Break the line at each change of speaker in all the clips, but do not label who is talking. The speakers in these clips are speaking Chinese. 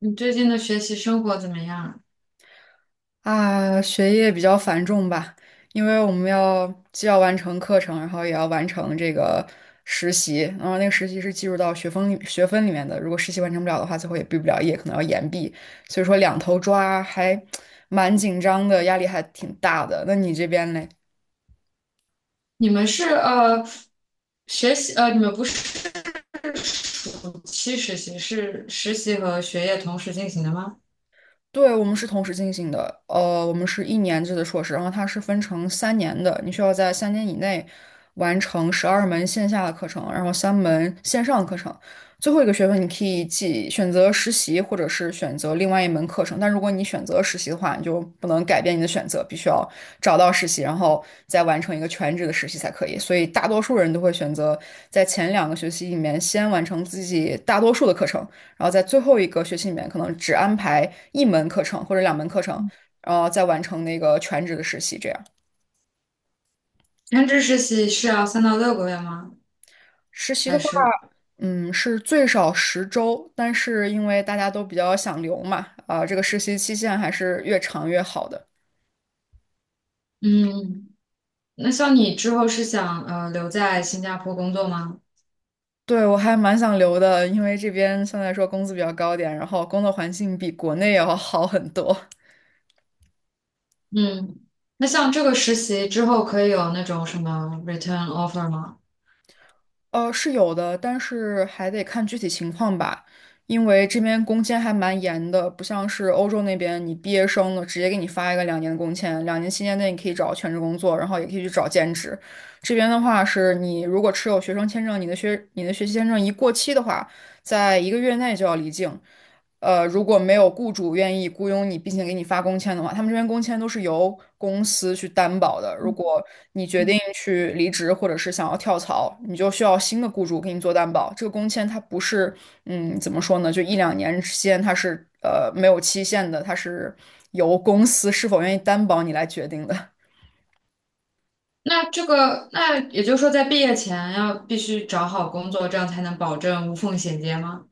你最近的学习生活怎么样啊？
啊，学业比较繁重吧，因为我们要既要完成课程，然后也要完成这个实习，然后那个实习是计入到学分里面的，如果实习完成不了的话，最后也毕不了业，可能要延毕，所以说两头抓还 蛮紧张的，压力还挺大的。那你这边嘞？
你们是学习你们不是暑期实习，是实习和学业同时进行的吗？
对，我们是同时进行的，我们是一年制的硕士，然后它是分成三年的，你需要在3年以内完成12门线下的课程，然后3门线上的课程，最后一个学分你可以记选择实习，或者是选择另外一门课程。但如果你选择实习的话，你就不能改变你的选择，必须要找到实习，然后再完成一个全职的实习才可以。所以大多数人都会选择在前2个学期里面先完成自己大多数的课程。然后在最后一个学期里面，可能只安排一门课程或者2门课程，然后再完成那个全职的实习。这样
全职实习是要3到6个月吗？
实习的
还
话，
是
是最少10周，但是因为大家都比较想留嘛，啊、这个实习期限还是越长越好的。
嗯，那像你之后是想留在新加坡工作吗？
对，我还蛮想留的，因为这边相对来说工资比较高点，然后工作环境比国内要好很多。
嗯，那像这个实习之后可以有那种什么 return offer 吗？
是有的，但是还得看具体情况吧，因为这边工签还蛮严的，不像是欧洲那边，你毕业生了直接给你发一个2年的工签，2年期间内你可以找全职工作，然后也可以去找兼职。这边的话是你如果持有学生签证，你的学习签证一过期的话，在一个月内就要离境。如果没有雇主愿意雇佣你，并且给你发工签的话，他们这边工签都是由公司去担保的。如果你决定去离职或者是想要跳槽，你就需要新的雇主给你做担保。这个工签它不是，怎么说呢？就一两年之间，它是没有期限的，它是由公司是否愿意担保你来决定的。
那这个那也就是说，在毕业前要必须找好工作，这样才能保证无缝衔接吗？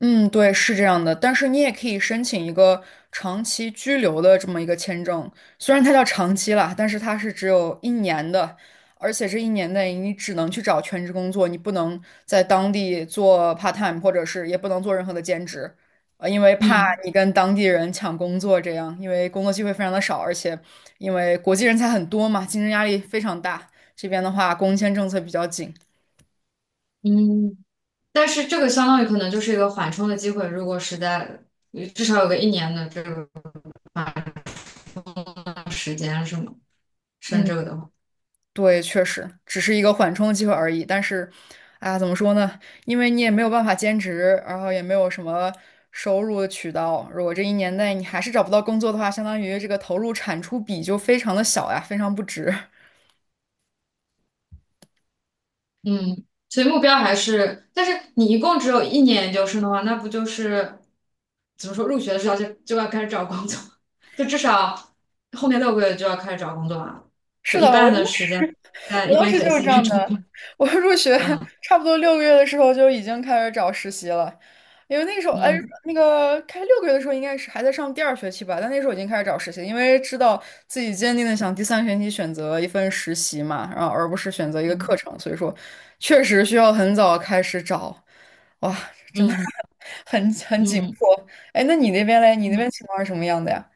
嗯，对，是这样的，但是你也可以申请一个长期居留的这么一个签证，虽然它叫长期啦，但是它是只有一年的，而且这一年内你只能去找全职工作，你不能在当地做 part time，或者是也不能做任何的兼职，因为怕
嗯
你跟当地人抢工作这样，因为工作机会非常的少，而且因为国际人才很多嘛，竞争压力非常大，这边的话工签政策比较紧。
嗯。但是这个相当于可能就是一个缓冲的机会，如果实在至少有个一年的这个缓冲时间是吗？升这个
嗯。
的话，
对，确实只是一个缓冲机会而已。但是，哎呀，怎么说呢？因为你也没有办法兼职，然后也没有什么收入的渠道。如果这一年内你还是找不到工作的话，相当于这个投入产出比就非常的小呀，非常不值。
嗯，所以目标还是，但是你一共只有一年研究生的话，那不就是怎么说，入学的时候就要开始找工作，就至少后面6个月就要开始找工作了，就
是
一
的，我
半
当
的时间
时
在
我
一
当
边
时
学
就是
习一
这
边
样
找
的。
工作，
我入学
嗯
差不多六个月的时候就已经开始找实习了，因为那个时候哎，
嗯
那个开六个月的时候应该是还在上第二学期吧，但那时候已经开始找实习，因为知道自己坚定的想第三学期选择一份实习嘛，然后而不是选择一个课
嗯
程，所以说确实需要很早开始找，哇，真的
嗯
很紧
嗯
迫。哎，那你那边嘞？你那边
嗯。
情况是什么样的呀？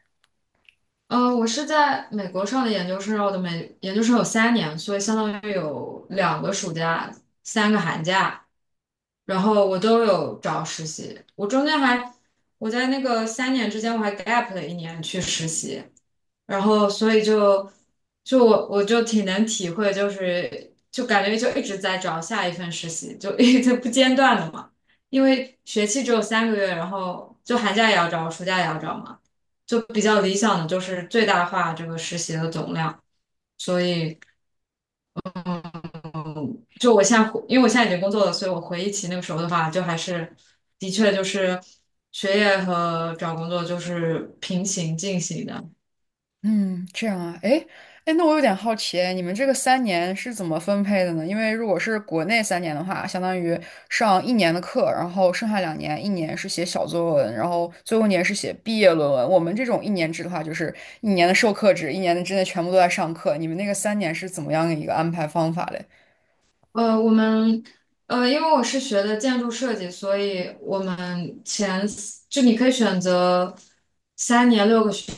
呃，我是在美国上的研究生，我的美研究生有三年，所以相当于有2个暑假，3个寒假，然后我都有找实习。我中间还，我在那个3年之间，我还 gap 了一年去实习。然后所以就就我就挺能体会，就是就感觉就一直在找下一份实习，就 一直不间断的嘛。因为学期只有3个月，然后就寒假也要找，暑假也要找嘛，就比较理想的就是最大化这个实习的总量。所以就我现在回，因为我现在已经工作了，所以我回忆起那个时候的话，就还是的确就是学业和找工作就是平行进行的。
嗯，这样啊，哎，哎，那我有点好奇，你们这个三年是怎么分配的呢？因为如果是国内三年的话，相当于上一年的课，然后剩下两年，一年是写小作文，然后最后一年是写毕业论文。我们这种一年制的话，就是一年的授课制，一年的之内全部都在上课。你们那个三年是怎么样的一个安排方法嘞？
呃，我们呃，因为我是学的建筑设计，所以我们前四就你可以选择三年6个学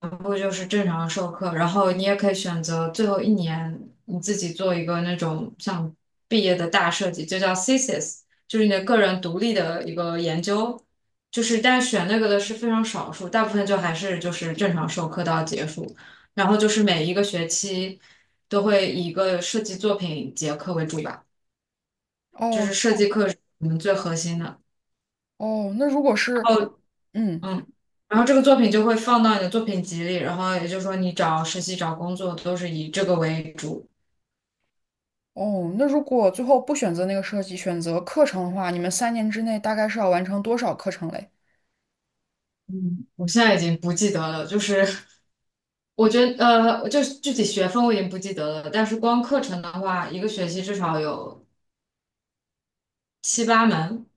部就是正常授课，然后你也可以选择最后1年你自己做一个那种像毕业的大设计，就叫 thesis，就是你的个人独立的一个研究。就是但是选那个的是非常少数，大部分就还是就是正常授课到结束，然后就是每一个学期都会以一个设计作品结课为主吧。就
哦
是设计课是我们最核心的。
哦，那如果
然
是
后，
嗯。
嗯，然后这个作品就会放到你的作品集里，然后也就是说你找实习、找工作都是以这个为主。
哦，那如果最后不选择那个设计，选择课程的话，你们3年之内大概是要完成多少课程嘞？
嗯，我现在已经不记得了，就是我觉得就是具体学分我已经不记得了，但是光课程的话，一个学期至少有7、8门，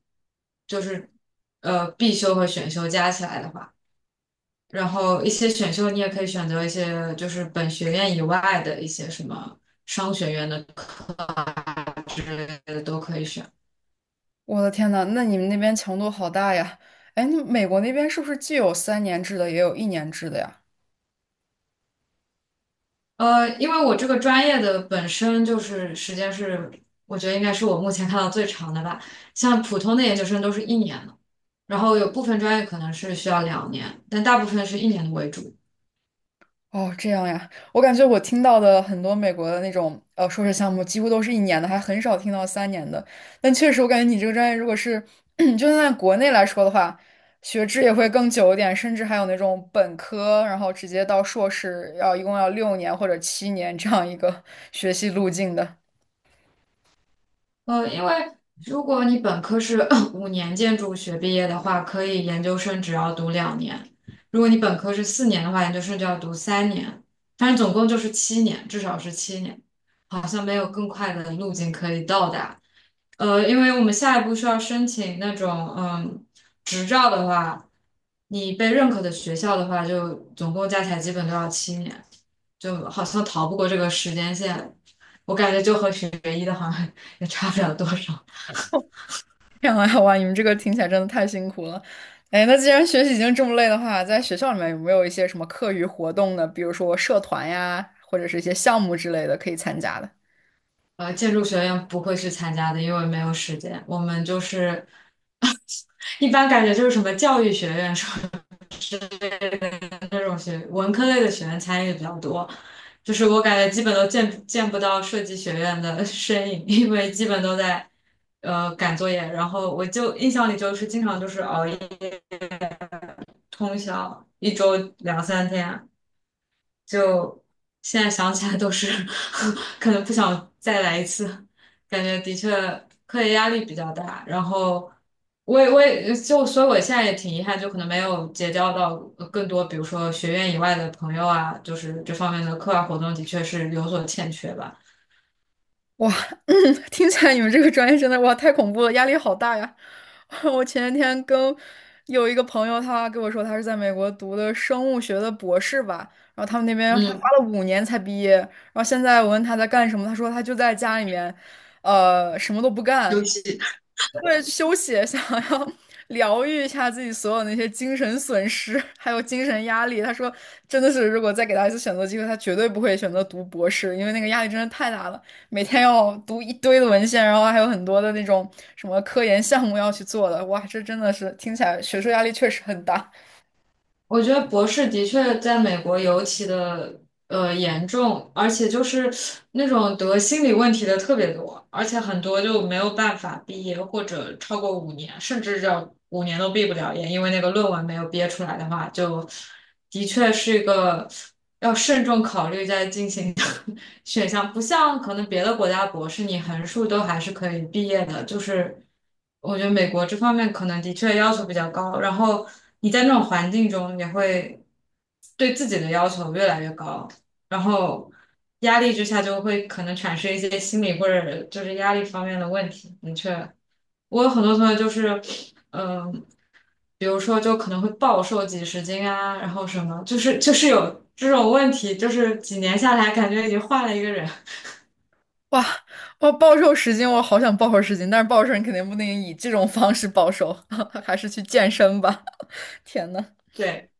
就是必修和选修加起来的话。然后一些选修你也可以选择一些就是本学院以外的一些什么商学院的课啊之类的都可以选。
我的天呐，那你们那边强度好大呀！哎，那美国那边是不是既有3年制的，也有一年制的呀？
呃，因为我这个专业的本身就是时间是，我觉得应该是我目前看到最长的吧。像普通的研究生都是一年的，然后有部分专业可能是需要两年，但大部分是一年的为主。
哦，这样呀，我感觉我听到的很多美国的那种硕士项目，几乎都是一年的，还很少听到三年的。但确实，我感觉你这个专业，如果是 就算在国内来说的话，学制也会更久一点，甚至还有那种本科，然后直接到硕士，一共要6年或者7年这样一个 学习路径的。
呃，因为如果你本科是 5年建筑学毕业的话，可以研究生只要读两年；如果你本科是4年的话，研究生就要读三年。但是总共就是七年，至少是七年，好像没有更快的路径可以到达。呃，因为我们下一步需要申请那种嗯执照的话，你被认可的学校的话，就总共加起来基本都要七年，就好像逃不过这个时间线。我感觉就和学医的好像 也差不了多少。
这样啊，哇，你们这个听起来真的太辛苦了。哎，那既然学习已经这么累的话，在学校里面有没有一些什么课余活动呢？比如说社团呀，或者是一些项目之类的可以参加的？
呃，建筑学院不会去参加的，因为没有时间。我们就是一般感觉就是什么教育学院，什么是那种学文科类的学院参与比较多。就是我感觉基本都见不到设计学院的 身影，因为基本都在赶作业。然后我就印象里就是经常就是熬夜通宵，1周2、3天，就现在想起来都是 可能不想再来一次，感觉的确课业压力比较大。然后我也就所以我现在也挺遗憾，就可能没有结交到更多，比如说学院以外的朋友啊，就是这方面的课外活动的确是有所欠缺吧。
哇，嗯 听起来你们这个专业真的哇太恐怖了，压力好大呀！我前几天跟有一个朋友，他跟我说他是在美国读的生物学的博士吧，然后他们那边他花
嗯，
了5年才毕业，然后现在我问他在干什么，他说他就在家里面，什么都不
尤
干。
其
为了休息想要 疗愈一下自己所有那些精神损失，还有精神压力。他说，真的是，如果再给他一次选择机会，他绝对不会选择读博士，因为那个压力真的太大了，每天要读一堆的文献，然后还有很多的那种什么科研项目要去做的。哇，这真的是听起来学术压力确实很大。
我觉得博士的确在美国尤其的。严重，而且就是那种得心理问题的特别多，而且很多就没有办法毕业，或者超过五年，甚至这五年都毕不了业，因为那个论文没有憋出来的话，就的确是一个要慎重考虑再进行的 选项，不像可能别的国家博士你横竖都还是可以毕业的，就是我觉得美国这方面可能的确要求比较高，然后你在那种环境中也会对自己的要求越来越高。然后压力之下就会可能产生一些心理或者就是压力方面的问题。的确，我有很多同学就是，嗯、比如说就可能会暴瘦几十斤啊，然后什么，就是有这种问题，就是几年下来感觉已经换了一个人。
哇，我暴瘦十斤，我好想暴瘦十斤，但是暴瘦你肯定不能以这种方式暴瘦，还是去健身吧。天呐，
对，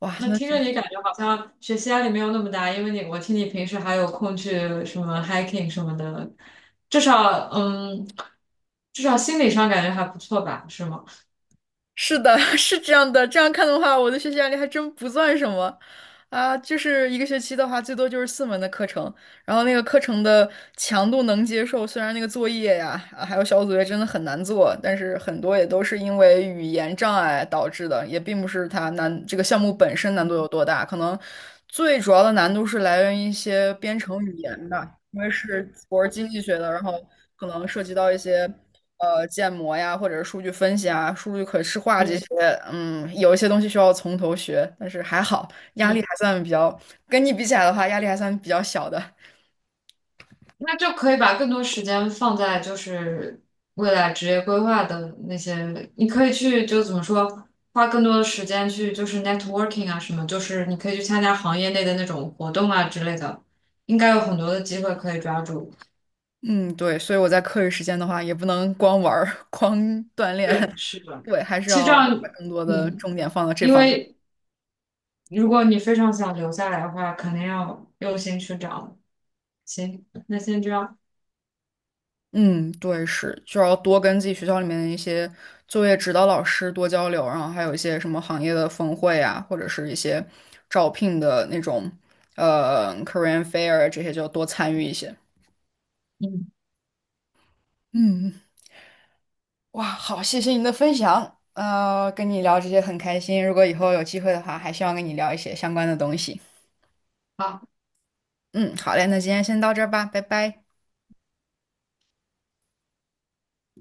哇，
那
那。
听着你感觉好像学习压力没有那么大，因为你我听你平时还有空去什么 hiking 什么的，至少嗯，至少心理上感觉还不错吧，是吗？
是的，是这样的。这样看的话，我的学习压力还真不算什么啊。就是一个学期的话，最多就是4门的课程，然后那个课程的强度能接受。虽然那个作业呀，啊还有小组作业真的很难做，但是很多也都是因为语言障碍导致的，也并不是它难，这个项目本身难度有多大，可能最主要的难度是来源于一些编程语言吧。因为我是经济学的，然后可能涉及到一些建模呀，或者是数据分析啊、数据可视化这
嗯。
些，有一些东西需要从头学，但是还好压
嗯。
力还算比较，跟你比起来的话，压力还算比较小的。
那就可以把更多时间放在就是未来职业规划的那些，你可以去就怎么说，花更多的时间去就是 networking 啊什么，就是你可以去参加行业内的那种活动啊之类的，应该有很多的机会可以抓住。
嗯，对，所以我在课余时间的话，也不能光玩儿、光锻炼，
对，是 的。
对，还是
其实这
要把
样，
更多的
嗯，
重点放到这
因
方面。
为如果你非常想留下来的话，肯定要用心去找。行，那先这样，
嗯，对，是，就要多跟自己学校里面的一些作业指导老师多交流，然后还有一些什么行业的峰会啊，或者是一些招聘的那种career fair 这些，就多参与一些。
嗯。
嗯，哇，好，谢谢你的分享，跟你聊这些很开心，如果以后有机会的话，还希望跟你聊一些相关的东西。
好。
嗯，好嘞，那今天先到这儿吧，拜拜。